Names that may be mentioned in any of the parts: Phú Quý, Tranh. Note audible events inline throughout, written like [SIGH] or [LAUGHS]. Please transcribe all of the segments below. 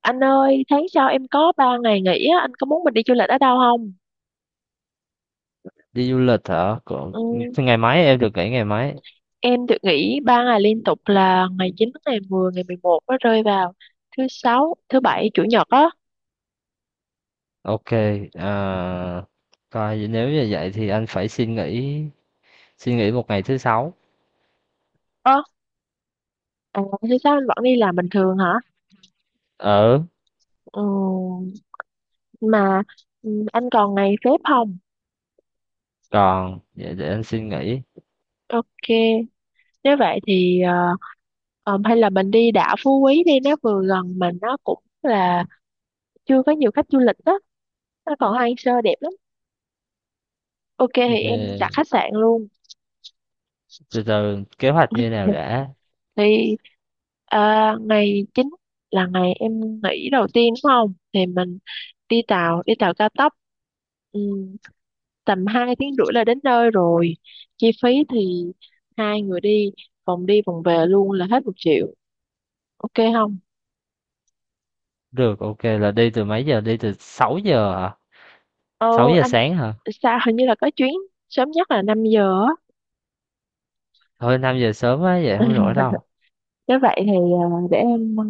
Anh ơi, tháng sau em có 3 ngày nghỉ á, anh có muốn mình đi du lịch ở đâu không? Đi du lịch hả? Còn Ừ, thế ngày mấy em được nghỉ ngày mấy? em được nghỉ 3 ngày liên tục là ngày 9, ngày 10, ngày 11, nó rơi vào thứ sáu, thứ bảy, chủ nhật á. Ok, à, coi nếu như vậy thì anh phải xin nghỉ một ngày thứ sáu. Ơ, à, thứ sáu anh vẫn đi làm bình thường hả? Ờ, Ừ, mà anh còn ngày phép không? còn vậy để anh xin nghỉ. Ok, nếu vậy thì hay là mình đi đảo Phú Quý đi, nó vừa gần mà nó cũng là chưa có nhiều khách du lịch đó, nó còn hoang sơ đẹp lắm. Ok thì Ờ, em đặt khách sạn luôn. từ từ kế hoạch như [LAUGHS] nào đã? Thì ngày chính là ngày em nghỉ đầu tiên đúng không? Thì mình đi tàu cao tốc, ừ, tầm 2 tiếng rưỡi là đến nơi rồi. Chi phí thì hai người đi vòng về luôn là hết 1 triệu, ok không? Được, ok là đi từ mấy giờ? Đi từ 6 giờ hả? ờ Sáu giờ anh, sáng hả? sao hình như là có chuyến sớm nhất là 5 giờ á. [LAUGHS] Thôi, 5 giờ sớm quá, vậy không nổi đâu. Nếu vậy thì để em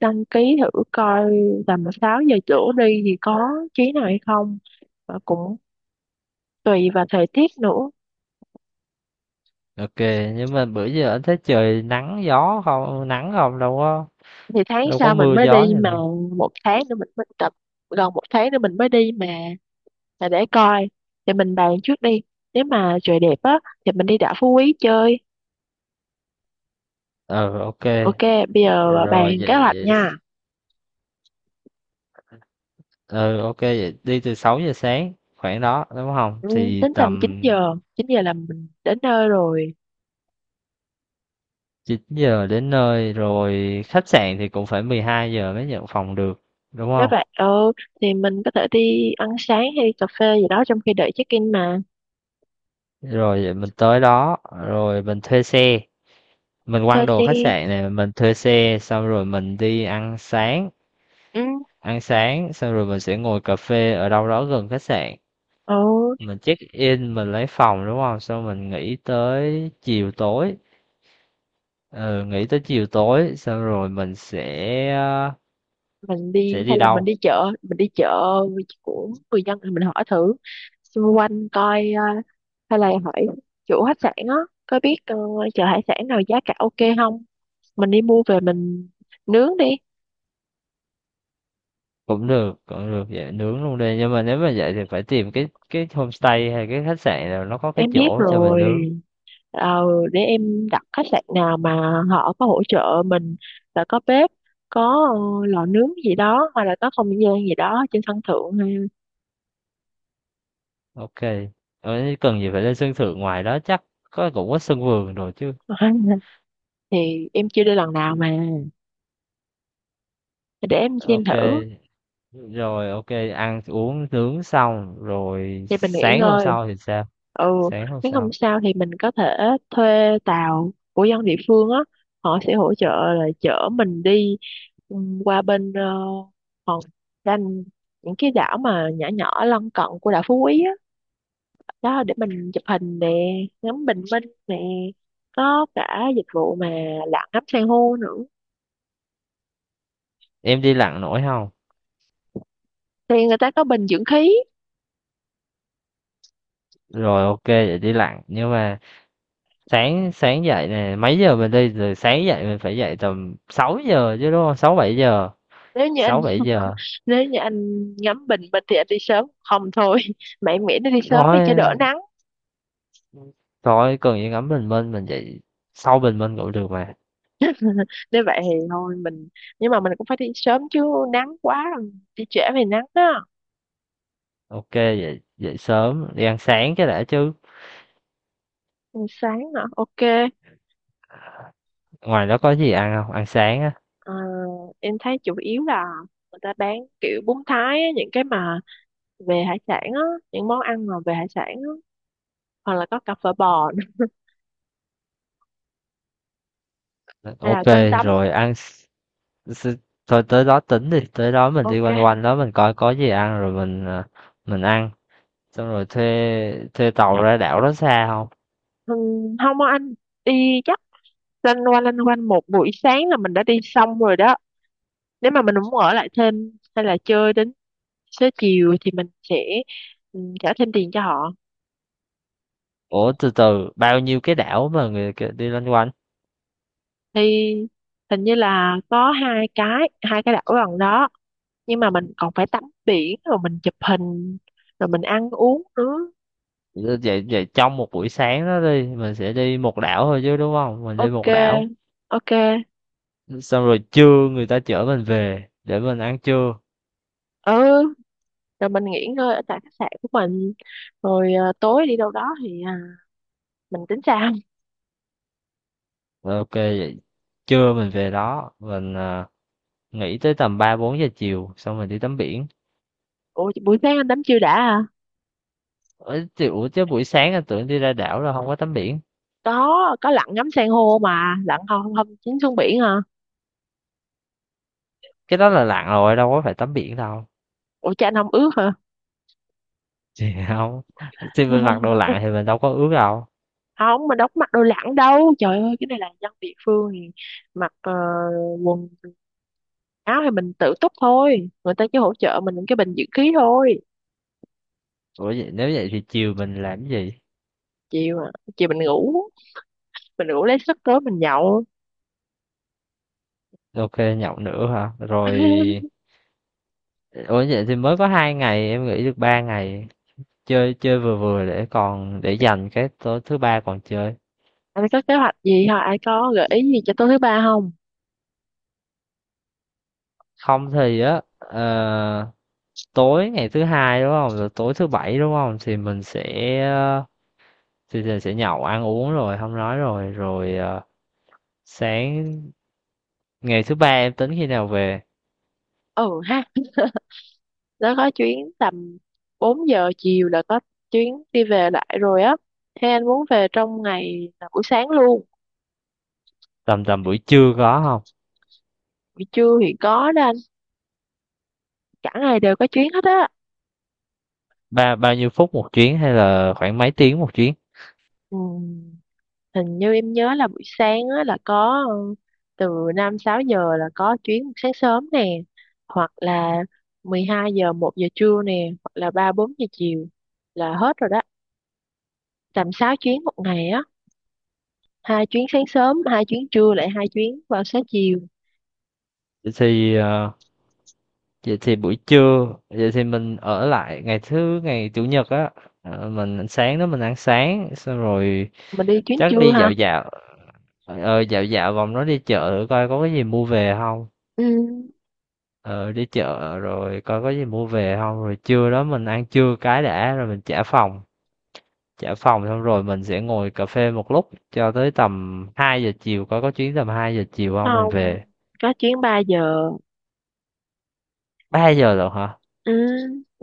đăng ký thử coi tầm 6 giờ chỗ đi thì có chuyến nào hay không. Và cũng tùy vào thời tiết nữa. Ok, nhưng mà bữa giờ anh thấy trời nắng gió không? Nắng không, đâu có, Thì tháng đâu có sau mình mưa mới gió đi gì mà, đâu. 1 tháng nữa mình mới tập, gần 1 tháng nữa mình mới đi mà, là để coi. Thì mình bàn trước đi, nếu mà trời đẹp á thì mình đi đảo Phú Quý chơi. Ờ, ok. Ok, bây giờ Rồi bàn kế hoạch vậy, nha. ừ, OK vậy đi từ 6 giờ sáng khoảng đó đúng không? Ừ, Thì tính tầm chín tầm giờ chín giờ là mình đến nơi rồi. 9 giờ đến nơi rồi, khách sạn thì cũng phải 12 giờ mới nhận phòng được, đúng Nếu không? vậy, ừ, thì mình có thể đi ăn sáng hay đi cà phê gì đó trong khi đợi check in mà. Rồi vậy mình tới đó rồi mình thuê xe, mình Thôi quăng đồ khách đi. sạn, này mình thuê xe xong rồi mình đi Ừ. ăn sáng xong rồi mình sẽ ngồi cà phê ở đâu đó gần khách sạn. Ừ, Mình check in mình lấy phòng đúng không? Xong mình nghỉ tới chiều tối. Ừ, nghỉ tới chiều tối xong rồi mình sẽ. mình đi Sẽ hay đi là mình đâu? đi chợ mình đi chợ của người dân thì mình hỏi thử xung quanh coi, hay là hỏi chủ khách sạn á, có biết, chợ hải sản nào giá cả ok không, mình đi mua về mình nướng đi. Cũng được, vậy nướng luôn đi. Nhưng mà nếu mà vậy thì phải tìm cái homestay hay cái khách sạn nào nó có cái Em biết chỗ cho mình rồi, nướng. ờ, để em đặt khách sạn nào mà họ có hỗ trợ mình là có bếp, có, lò nướng gì đó, hoặc là có không gian gì đó trên sân thượng ha. Ok. Ờ, cần gì phải lên sân thượng, ngoài đó chắc có cũng có sân vườn rồi chứ. [LAUGHS] Thì em chưa đi lần nào mà, để em xem Ok. thử. Rồi ok, ăn uống nướng xong rồi Thì mình nghỉ sáng hôm ngơi. sau thì sao? Ừ, Sáng hôm nếu sau. không sao thì mình có thể thuê tàu của dân địa phương á, họ sẽ hỗ trợ là chở mình đi, qua bên, hòn Tranh, những cái đảo mà nhỏ nhỏ lân cận của đảo Phú Quý á, đó để mình chụp hình nè, ngắm bình minh nè, có cả dịch vụ mà lặn ngắm san hô nữa. Em đi lặn nổi không? Thì người ta có bình dưỡng khí. Rồi ok vậy đi lặn, nhưng mà sáng sáng dậy nè mấy giờ mình đi, rồi sáng dậy mình phải dậy tầm 6 giờ chứ đúng không? 6 7 giờ. nếu như anh Sáu 7 giờ. nếu như anh ngắm bình minh thì anh đi sớm không thôi, [LAUGHS] mẹ miễn nó đi sớm đi cho Thôi, đỡ nắng. thôi cần gì ngắm bình minh, mình dậy sau bình minh cũng được mà. Nếu vậy thì thôi mình, nhưng mà mình cũng phải đi sớm chứ, nắng quá rồi đi trễ về nắng á. Ok, dậy dậy sớm đi ăn sáng cái đã chứ. Ừ, sáng hả, ok. Ngoài đó có gì ăn không? Ăn sáng á. Ờ, em thấy chủ yếu là người ta bán kiểu bún Thái á, những cái mà về hải sản á, những món ăn mà về hải sản á, hoặc là có cà phở bò nữa, hay Ok, là cơm tấm. rồi ăn s- thôi tới đó tính đi, tới đó mình đi quanh Ok. quanh đó mình coi có gì ăn rồi mình, mình ăn. Xong rồi thuê thuê tàu ra đảo, đó xa không? Ừ, không á anh, đi chắc lanh quanh một buổi sáng là mình đã đi xong rồi đó. Nếu mà mình muốn ở lại thêm hay là chơi đến xế chiều thì mình sẽ, trả thêm tiền cho họ. Ủa từ từ, bao nhiêu cái đảo mà người đi loanh quanh? Thì hình như là có hai cái đảo gần đó, nhưng mà mình còn phải tắm biển rồi mình chụp hình rồi mình ăn uống nữa. Vậy vậy trong một buổi sáng đó đi, mình sẽ đi một đảo thôi chứ đúng không? Mình đi Ok, một đảo. ok. Xong rồi trưa người ta chở mình về để mình ăn trưa, Ừ, rồi mình nghỉ ngơi ở tại khách sạn của mình, rồi tối đi đâu đó thì mình tính sao? rồi ok vậy trưa mình về đó mình, nghỉ tới tầm ba bốn giờ chiều xong mình đi tắm biển. Ủa buổi sáng anh tắm chưa đã à? Ấy, ủa chứ buổi sáng anh tưởng đi ra đảo là không có tắm biển. Có lặn ngắm san hô mà, lặn không không chín xuống biển hả? Cái đó là lặn rồi, đâu có phải tắm biển đâu. Ủa cha anh không ướt hả? Thì [LAUGHS] không, thì mình mặc đồ lặn [LAUGHS] thì mình đâu có ướt đâu. Không, mình đâu có mặc đồ lặn đâu trời ơi, cái này là dân địa phương thì mặc, quần áo thì mình tự túc thôi, người ta chỉ hỗ trợ mình cái bình dưỡng khí thôi. Ủa vậy nếu vậy thì chiều mình làm cái gì? Chiều, chiều mình ngủ, mình ngủ lấy sức tối mình nhậu. Ok nhậu nữa hả, rồi [LAUGHS] ủa vậy thì mới có hai ngày, em nghĩ được ba ngày chơi chơi vừa vừa để còn để dành cái tối thứ ba còn chơi. Anh có kế hoạch gì hả, ai có gợi ý gì cho tối thứ ba không? Không thì á, tối ngày thứ hai đúng không, rồi tối thứ bảy đúng không, thì mình sẽ, ờ, thì sẽ nhậu ăn uống rồi không nói rồi, sáng ngày thứ ba em tính khi nào về? Ừ ha, nó có chuyến tầm 4 giờ chiều là có chuyến đi về lại rồi á. Thế anh muốn về trong ngày là buổi sáng luôn? Tầm Tầm buổi trưa có không? Buổi trưa thì có đó anh, cả ngày đều có chuyến hết á. Bao nhiêu phút một chuyến hay là khoảng mấy tiếng một chuyến? ừ. Hình như em nhớ là buổi sáng á, là có, từ 5 6 giờ là có chuyến sáng sớm nè, hoặc là 12 giờ 1 giờ trưa nè, hoặc là 3 4 giờ chiều là hết rồi đó. Tầm 6 chuyến một ngày á, 2 chuyến sáng sớm, 2 chuyến trưa lại, 2 chuyến vào sáng chiều. Vậy thì, vậy thì buổi trưa, vậy thì mình ở lại ngày ngày chủ nhật á, mình sáng đó mình ăn sáng xong rồi Mình đi chuyến chắc trưa đi dạo ha. dạo. Trời ơi dạo dạo vòng nó đi chợ coi có cái gì mua về không, Ừ, ờ đi chợ rồi coi có gì mua về không, rồi trưa đó mình ăn trưa cái đã rồi mình trả phòng. Trả phòng xong rồi mình sẽ ngồi cà phê một lúc cho tới tầm 2 giờ chiều coi có chuyến tầm 2 giờ chiều không mình không, về. có chuyến 3 giờ. Ba giờ rồi hả? Ừ,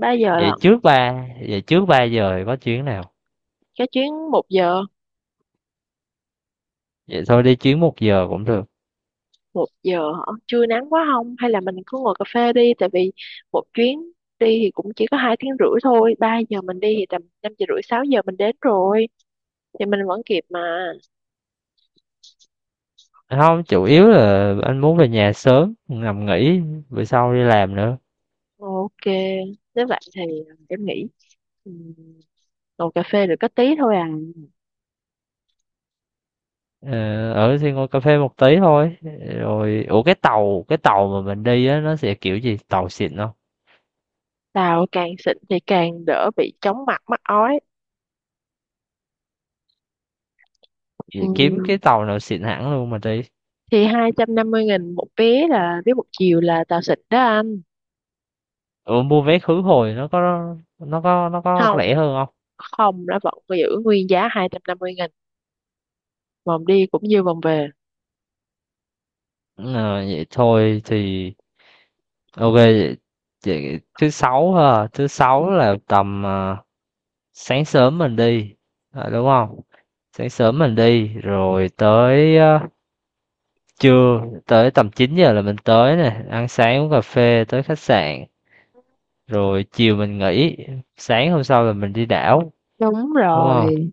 3 giờ Vậy lận. trước vậy trước 3 giờ thì có chuyến nào? Có chuyến 1 giờ. Vậy thôi đi chuyến một giờ cũng được. Một giờ hả, chưa nắng quá không, hay là mình cứ ngồi cà phê đi, tại vì một chuyến đi thì cũng chỉ có 2 tiếng rưỡi thôi, 3 giờ mình đi thì tầm 5 giờ rưỡi 6 giờ mình đến rồi, thì mình vẫn kịp mà. Không, chủ yếu là anh muốn về nhà sớm nằm nghỉ, bữa sau đi làm nữa. Ok, nếu vậy thì, em nghĩ, ừm, ngồi cà phê được có tí thôi à. Ờ, ở thì ngồi cà phê một tí thôi, rồi ủa cái tàu mà mình đi á nó sẽ kiểu gì, tàu xịn không? Tao càng xịn thì càng đỡ bị chóng mặt mắc ói. Vậy kiếm Ừm, cái tàu nào xịn hẳn luôn mà đi. thì 250.000 một vé, là vé một chiều, là tao xịn đó anh. Ủa mua vé khứ hồi nó có Không, rẻ hơn không? không, nó vẫn giữ nguyên giá 250.000, vòng đi cũng như vòng về. Ờ, vậy thôi thì ok vậy, vậy thứ sáu ha, thứ sáu là tầm, sáng sớm mình đi. Ờ, đúng không, sáng sớm mình đi rồi tới, trưa, tới tầm 9 giờ là mình tới nè, ăn sáng uống cà phê tới khách sạn, rồi chiều mình nghỉ, sáng hôm sau là mình đi đảo, Đúng đúng không? rồi,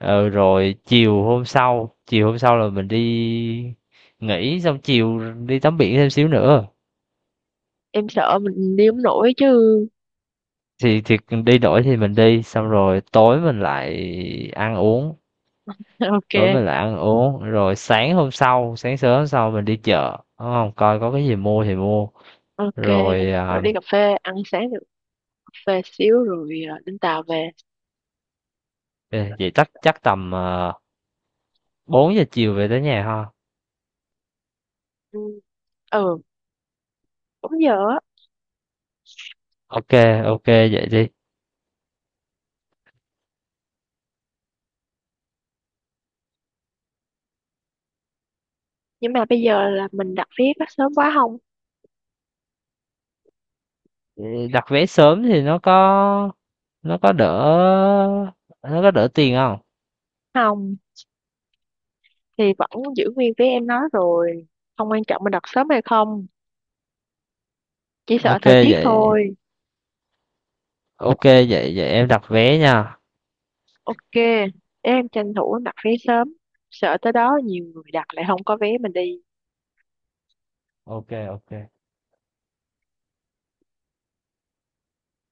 Ừ, rồi chiều hôm sau, là mình đi nghỉ xong chiều đi tắm biển thêm xíu nữa. em sợ mình đi không nổi chứ. Thì đi đổi thì mình đi xong rồi tối mình lại ăn uống, [LAUGHS] tối Ok, mình lại ăn uống rồi sáng hôm sau, mình đi chợ đúng không, coi có cái gì mua thì mua ok. rồi, Rồi đi cà phê, ăn sáng được, cà phê xíu rồi đến tàu về. vậy chắc chắc tầm, uh, 4 giờ chiều về tới nhà ha. Ừ, ừ, đúng giờ á. Ok, ok vậy đi. Nhưng mà bây giờ là mình đặt vé có sớm quá không? Ừ, đặt vé sớm thì nó có đỡ nó có đỡ tiền không? Không, thì vẫn giữ nguyên vé em nói rồi. Không quan trọng mình đặt sớm hay không, chỉ sợ Ok thời tiết vậy, thôi. ok vậy vậy em đặt vé nha. Ok, em tranh thủ đặt vé sớm. Sợ tới đó nhiều người đặt lại không có vé mình đi. Ok ok.